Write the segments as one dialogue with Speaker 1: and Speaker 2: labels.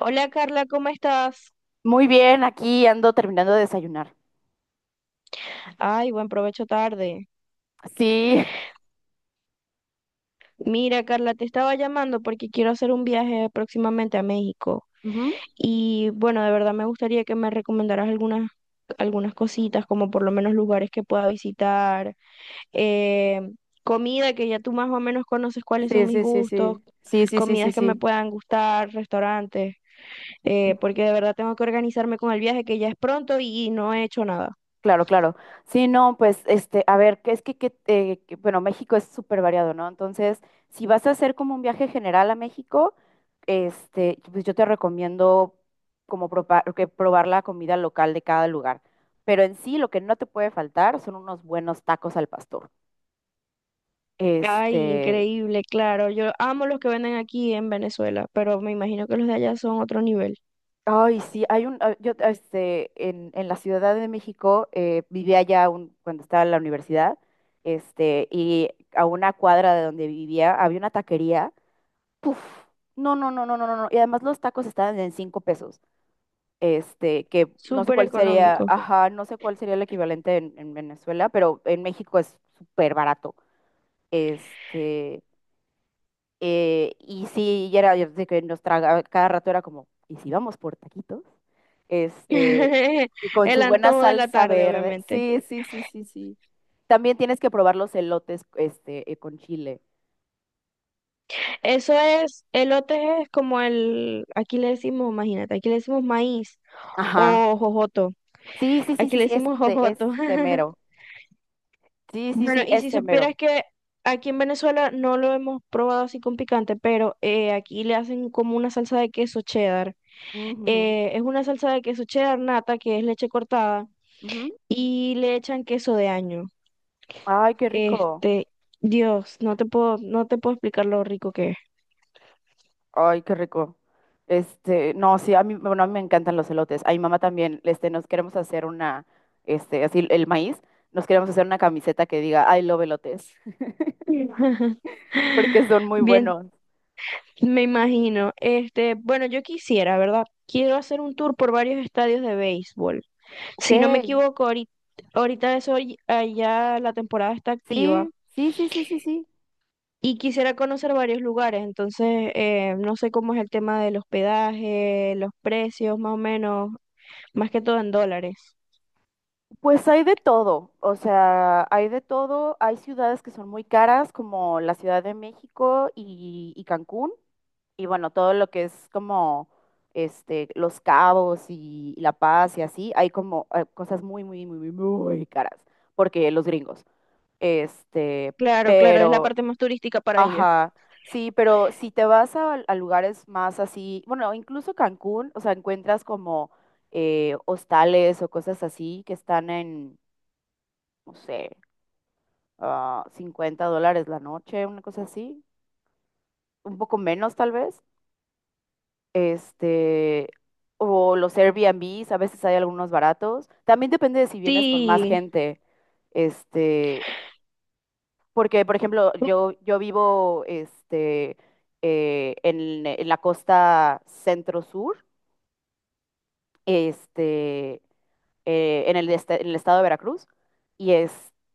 Speaker 1: Hola Carla, ¿cómo estás?
Speaker 2: Muy bien, aquí ando terminando de desayunar.
Speaker 1: Ay, buen provecho tarde.
Speaker 2: Sí,
Speaker 1: Mira Carla, te estaba llamando porque quiero hacer un viaje próximamente a México
Speaker 2: ujú.
Speaker 1: y bueno, de verdad me gustaría que me recomendaras algunas cositas, como por lo menos lugares que pueda visitar, eh, comida que ya tú más o menos conoces cuáles
Speaker 2: Sí,
Speaker 1: son mis
Speaker 2: sí, sí,
Speaker 1: gustos,
Speaker 2: sí. Sí, sí, sí, sí,
Speaker 1: comidas que me
Speaker 2: sí.
Speaker 1: puedan gustar, restaurantes, porque de verdad tengo que organizarme con el viaje que ya es pronto y no he hecho nada.
Speaker 2: Claro, claro. Sí, no, pues, a ver, que es que, bueno, México es súper variado, ¿no? Entonces, si vas a hacer como un viaje general a México, pues yo te recomiendo como que probar la comida local de cada lugar. Pero en sí, lo que no te puede faltar son unos buenos tacos al pastor.
Speaker 1: Ay,
Speaker 2: Este,
Speaker 1: increíble, claro. Yo amo los que venden aquí en Venezuela, pero me imagino que los de allá son otro nivel.
Speaker 2: Ay, sí, hay un, ah, yo, este, en la Ciudad de México, vivía allá cuando estaba en la universidad, y a una cuadra de donde vivía había una taquería, puf, no, no, no, no, no, no, no, y además los tacos estaban en 5 pesos, que no sé
Speaker 1: Súper
Speaker 2: cuál sería,
Speaker 1: económico.
Speaker 2: ajá, no sé cuál sería el equivalente en Venezuela, pero en México es súper barato, este, y sí, y era yo sé que nos traga, cada rato era como, ¿y si vamos por taquitos? Este, y con
Speaker 1: El
Speaker 2: su buena
Speaker 1: antojo de la
Speaker 2: salsa
Speaker 1: tarde,
Speaker 2: verde.
Speaker 1: obviamente.
Speaker 2: Sí, sí, sí, sí, sí. También tienes que probar los elotes, con chile.
Speaker 1: Eso es, elote es como el, aquí le decimos, imagínate, aquí le decimos maíz
Speaker 2: Ajá.
Speaker 1: o jojoto.
Speaker 2: Sí, sí, sí,
Speaker 1: Aquí
Speaker 2: sí,
Speaker 1: le
Speaker 2: sí,
Speaker 1: decimos jojoto.
Speaker 2: este mero. Sí, sí,
Speaker 1: Bueno,
Speaker 2: sí,
Speaker 1: y si
Speaker 2: este mero.
Speaker 1: supieras que aquí en Venezuela no lo hemos probado así con picante, pero aquí le hacen como una salsa de queso cheddar.
Speaker 2: Ujú,
Speaker 1: Es una salsa de queso cheddar nata, que es leche cortada,
Speaker 2: ujú.
Speaker 1: y le echan queso de año.
Speaker 2: Ay, qué rico.
Speaker 1: Este, Dios, no te puedo explicar lo rico que es.
Speaker 2: Ay, qué rico. No, sí, a mí, bueno, a mí me encantan los elotes. A mi mamá también, nos queremos hacer una, así el maíz, nos queremos hacer una camiseta que diga I love elotes, porque son muy
Speaker 1: Bien,
Speaker 2: buenos.
Speaker 1: me imagino. Este, bueno, yo quisiera, ¿verdad? Quiero hacer un tour por varios estadios de béisbol.
Speaker 2: Ok,
Speaker 1: Si no me equivoco, ahorita allá la temporada está
Speaker 2: sí,
Speaker 1: activa
Speaker 2: sí, sí, sí, sí, sí.
Speaker 1: y quisiera conocer varios lugares. Entonces, no sé cómo es el tema del hospedaje, los precios, más o menos, más que todo en dólares.
Speaker 2: Pues hay de todo, o sea, hay de todo. Hay ciudades que son muy caras, como la Ciudad de México y Cancún, y bueno, todo lo que es como Los Cabos y La Paz y así, hay como cosas muy, muy, muy, muy, muy caras, porque los gringos. Este,
Speaker 1: Claro, claro, es la
Speaker 2: pero,
Speaker 1: parte más turística para ellos.
Speaker 2: ajá, sí, pero si te vas a lugares más así, bueno, incluso Cancún, o sea, encuentras como hostales o cosas así que están en no sé, $50 la noche, una cosa así, un poco menos tal vez. Este, o los Airbnbs, a veces hay algunos baratos. También depende de si vienes con más
Speaker 1: Sí,
Speaker 2: gente. Este, Porque, por ejemplo, yo vivo en la costa centro-sur, este, en el, en el estado de Veracruz, y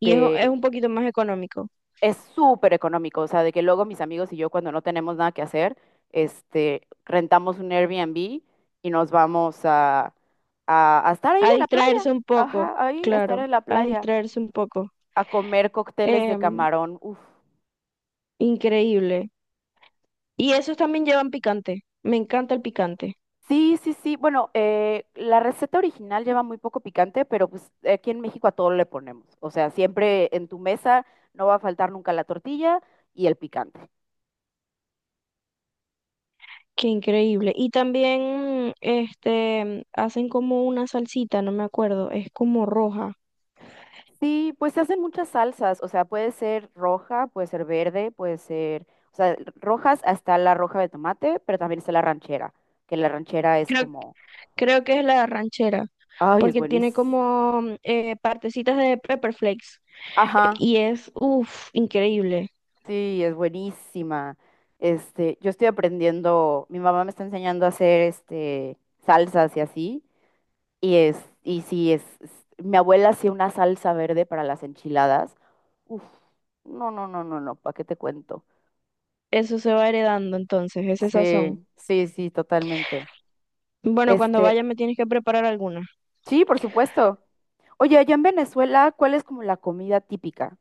Speaker 1: y es un poquito más económico.
Speaker 2: es súper económico, o sea, de que luego mis amigos y yo cuando no tenemos nada que hacer, rentamos un Airbnb y nos vamos a estar ahí
Speaker 1: A
Speaker 2: en la playa,
Speaker 1: distraerse un poco,
Speaker 2: ajá, ahí a estar
Speaker 1: claro,
Speaker 2: en la
Speaker 1: a
Speaker 2: playa,
Speaker 1: distraerse un poco.
Speaker 2: a comer cócteles de
Speaker 1: Em,
Speaker 2: camarón, uf.
Speaker 1: Increíble. Y esos también llevan picante. Me encanta el picante.
Speaker 2: Sí, sí, sí, bueno, la receta original lleva muy poco picante, pero pues aquí en México a todo le ponemos, o sea, siempre en tu mesa no va a faltar nunca la tortilla y el picante.
Speaker 1: Qué increíble. Y también, este, hacen como una salsita, no me acuerdo, es como roja.
Speaker 2: Sí, pues se hacen muchas salsas, o sea, puede ser roja, puede ser verde, puede ser, o sea, rojas hasta la roja de tomate, pero también está la ranchera, que la ranchera es
Speaker 1: Creo,
Speaker 2: como,
Speaker 1: creo que es la ranchera,
Speaker 2: ay, es
Speaker 1: porque tiene
Speaker 2: buenísima.
Speaker 1: como partecitas de pepper flakes.
Speaker 2: Ajá,
Speaker 1: Y es, uff, increíble.
Speaker 2: sí, es buenísima. Yo estoy aprendiendo, mi mamá me está enseñando a hacer salsas y así, y es y sí es- mi abuela hacía una salsa verde para las enchiladas. Uf, no, no, no, no, no, ¿para qué te cuento?
Speaker 1: Eso se va heredando entonces, ese
Speaker 2: Sí,
Speaker 1: sazón.
Speaker 2: sí, sí, totalmente.
Speaker 1: Bueno, cuando
Speaker 2: Este,
Speaker 1: vaya me tienes que preparar alguna.
Speaker 2: sí, por supuesto. Oye, allá en Venezuela, ¿cuál es como la comida típica?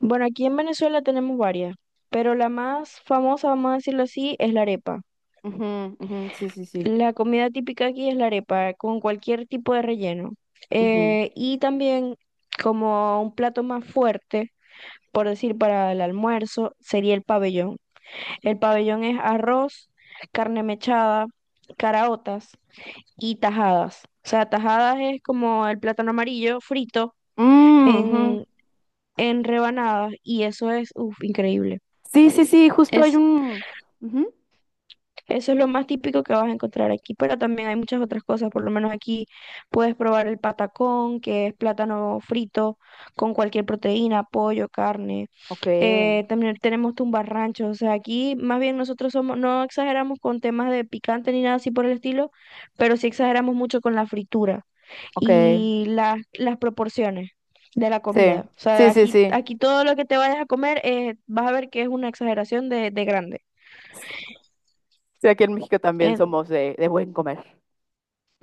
Speaker 1: Bueno, aquí en Venezuela tenemos varias, pero la más famosa, vamos a decirlo así, es la arepa.
Speaker 2: Ujú, ujú, sí, sí, sí.
Speaker 1: La comida típica aquí es la arepa, con cualquier tipo de relleno.
Speaker 2: Ujú.
Speaker 1: Y también como un plato más fuerte, por decir, para el almuerzo, sería el pabellón. El pabellón es arroz, carne mechada, caraotas y tajadas. O sea, tajadas es como el plátano amarillo frito
Speaker 2: Mm, ujú.
Speaker 1: en, en rebanadas y eso es, uf, increíble.
Speaker 2: Sí, sí, sí, justo hay
Speaker 1: Es
Speaker 2: un. Ujú.
Speaker 1: Eso es lo más típico que vas a encontrar aquí, pero también hay muchas otras cosas. Por lo menos aquí puedes probar el patacón, que es plátano frito con cualquier proteína, pollo, carne.
Speaker 2: Ok,
Speaker 1: También tenemos tumbarranchos. O sea, aquí más bien nosotros somos, no exageramos con temas de picante ni nada así por el estilo, pero sí exageramos mucho con la fritura
Speaker 2: ok.
Speaker 1: y las proporciones de la
Speaker 2: Sí,
Speaker 1: comida. O sea,
Speaker 2: sí, sí,
Speaker 1: aquí,
Speaker 2: sí.
Speaker 1: aquí todo lo que te vayas a comer vas a ver que es una exageración de grande.
Speaker 2: Sí, aquí en México también somos de buen comer.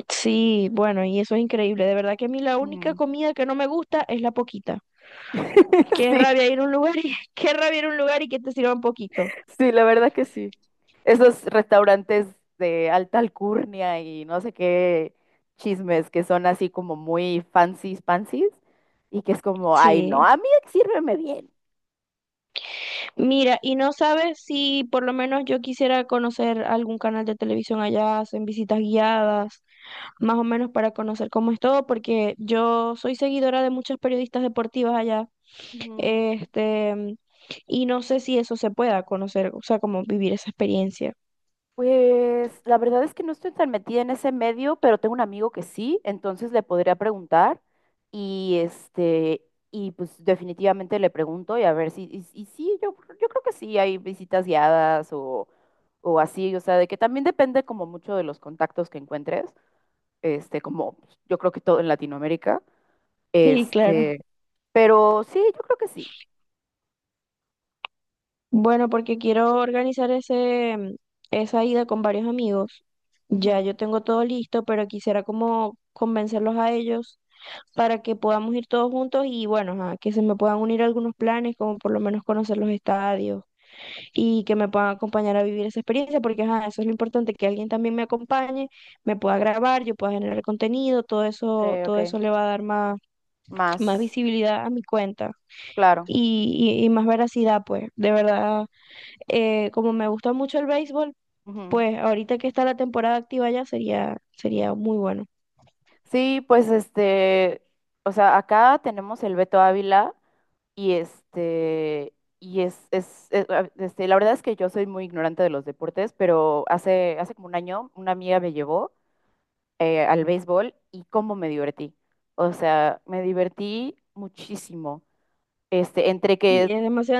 Speaker 1: Sí, bueno, y eso es increíble. De verdad que a mí la única
Speaker 2: Ujú.
Speaker 1: comida que no me gusta es la poquita. Qué
Speaker 2: Sí,
Speaker 1: rabia ir a un lugar y qué rabia ir a un lugar y que te sirvan poquito.
Speaker 2: sí, la verdad que sí. Esos restaurantes de alta alcurnia y no sé qué chismes que son así como muy fancies, fancies, y que es como, ay, no,
Speaker 1: Sí.
Speaker 2: a mí sírveme bien.
Speaker 1: Mira, y no sabes si por lo menos yo quisiera conocer algún canal de televisión allá, hacen visitas guiadas, más o menos para conocer cómo es todo, porque yo soy seguidora de muchas periodistas deportivas allá,
Speaker 2: Ujú.
Speaker 1: este, y no sé si eso se pueda conocer, o sea, como vivir esa experiencia.
Speaker 2: Pues la verdad es que no estoy tan metida en ese medio, pero tengo un amigo que sí, entonces le podría preguntar y este y pues definitivamente le pregunto y a ver si y sí, yo creo que sí hay visitas guiadas o así, o sea, de que también depende como mucho de los contactos que encuentres, como pues, yo creo que todo en Latinoamérica,
Speaker 1: Sí, claro.
Speaker 2: este, pero sí, yo creo que sí.
Speaker 1: Bueno, porque quiero organizar ese, mm, esa ida con varios amigos.
Speaker 2: Ujú.
Speaker 1: Ya yo tengo todo listo, pero quisiera como convencerlos a ellos para que podamos ir todos juntos y bueno, ajá, que se me puedan unir algunos planes, como por lo menos conocer los estadios y que me puedan acompañar a vivir esa experiencia, porque ajá, eso es lo importante, que alguien también me acompañe, me pueda grabar, yo pueda generar contenido,
Speaker 2: Ok, ok,
Speaker 1: todo eso le va a dar más, más
Speaker 2: más
Speaker 1: visibilidad a mi cuenta.
Speaker 2: claro.
Speaker 1: Y más veracidad, pues. De verdad, como me gusta mucho el béisbol,
Speaker 2: Ujú.
Speaker 1: pues ahorita que está la temporada activa ya sería muy bueno.
Speaker 2: Sí, pues o sea, acá tenemos el Beto Ávila y este, la verdad es que yo soy muy ignorante de los deportes, pero hace como un año una amiga me llevó al béisbol y cómo me divertí. O sea, me divertí muchísimo. Este, entre
Speaker 1: Y
Speaker 2: que
Speaker 1: es demasiado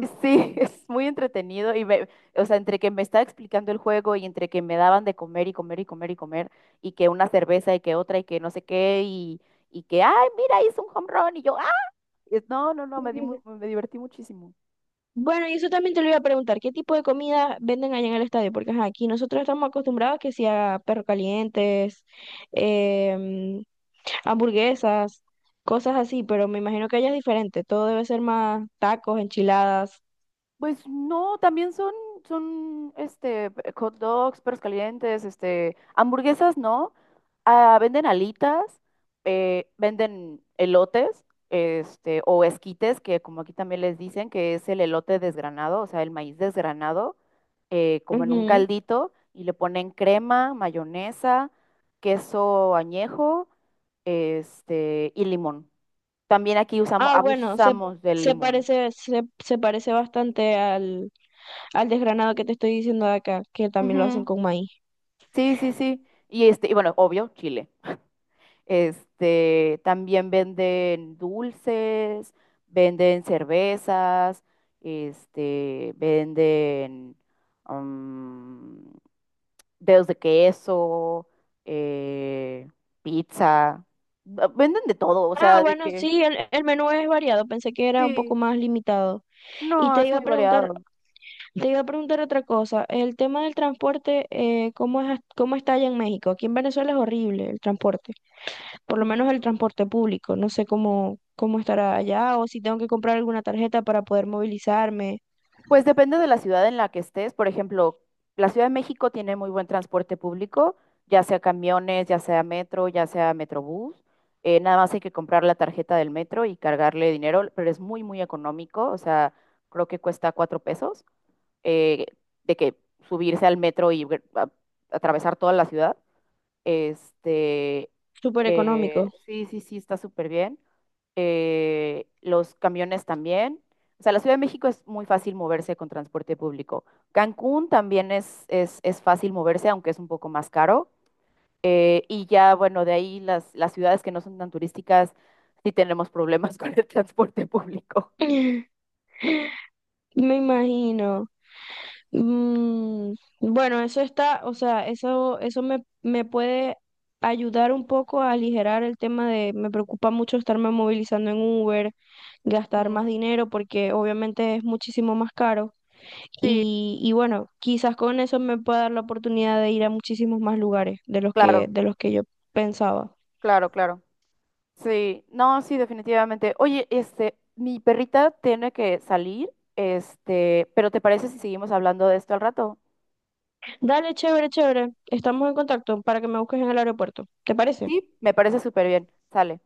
Speaker 2: Sí, es muy entretenido y me, o sea, entre que me estaba explicando el juego y entre que me daban de comer y comer y comer y comer y que una cerveza y que otra y que no sé qué y que, ay, mira, hizo un home run y yo, no, no, no, me di mu- me divertí muchísimo.
Speaker 1: Bueno, y eso también te lo iba a preguntar, ¿qué tipo de comida venden allá en el estadio? Porque ajá, aquí nosotros estamos acostumbrados que sea perros calientes, em, hamburguesas, cosas así, pero me imagino que allá es diferente, todo debe ser más tacos, enchiladas.
Speaker 2: Pues no, también son hot dogs, perros calientes, hamburguesas, ¿no? Ah, venden alitas, venden elotes, o esquites, que como aquí también les dicen, que es el elote desgranado, o sea, el maíz desgranado, como en un caldito, y le ponen crema, mayonesa, queso añejo, y limón. También aquí usamos,
Speaker 1: Ah,
Speaker 2: abusamos del limón.
Speaker 1: se parece bastante al desgranado que te estoy diciendo de acá, que también lo hacen con maíz.
Speaker 2: Sí, sí, sí. Y y bueno, obvio, Chile. También venden dulces, venden cervezas, venden mm, dedos de queso, eh, pizza. Venden de todo, o
Speaker 1: Ah,
Speaker 2: sea, de
Speaker 1: bueno,
Speaker 2: que
Speaker 1: sí, el menú es variado, pensé que era un poco
Speaker 2: sí,
Speaker 1: más limitado. Y
Speaker 2: no, es muy variado.
Speaker 1: te iba a preguntar otra cosa, el tema del transporte, ¿cómo es, cómo está allá en México? Aquí en Venezuela es horrible el transporte, por lo menos el transporte público, no sé cómo estará allá o si tengo que comprar alguna tarjeta para poder movilizarme,
Speaker 2: Pues depende de la ciudad en la que estés. Por ejemplo, la Ciudad de México tiene muy buen transporte público, ya sea camiones, ya sea metro, ya sea metrobús. Nada más hay que comprar la tarjeta del metro y cargarle dinero, pero es muy, muy económico. O sea, creo que cuesta 4 pesos eh, de que subirse al metro y atravesar toda la ciudad. Este,
Speaker 1: súper económico.
Speaker 2: sí, sí, sí, está súper bien. Los camiones también. O sea, la Ciudad de México es muy fácil moverse con transporte público. Cancún también es fácil moverse, aunque es un poco más caro. Y ya, bueno, de ahí las ciudades que no son tan turísticas, sí tenemos problemas con el transporte público.
Speaker 1: Me imagino. Mm, bueno, eso está, o sea, eso me, me puede ayudar un poco a aligerar el tema de, me preocupa mucho estarme movilizando en Uber, gastar
Speaker 2: Mm.
Speaker 1: más dinero porque obviamente es muchísimo más caro.
Speaker 2: Sí,
Speaker 1: Y bueno, quizás con eso me pueda dar la oportunidad de ir a muchísimos más lugares
Speaker 2: claro,
Speaker 1: de los que yo pensaba.
Speaker 2: claro, claro. Sí, no, sí, definitivamente. Oye, mi perrita tiene que salir, pero ¿te parece si seguimos hablando de esto al rato?
Speaker 1: Dale, chévere, chévere. Estamos en contacto para que me busques en el aeropuerto. ¿Te parece?
Speaker 2: Sí, me parece súper bien. Sale.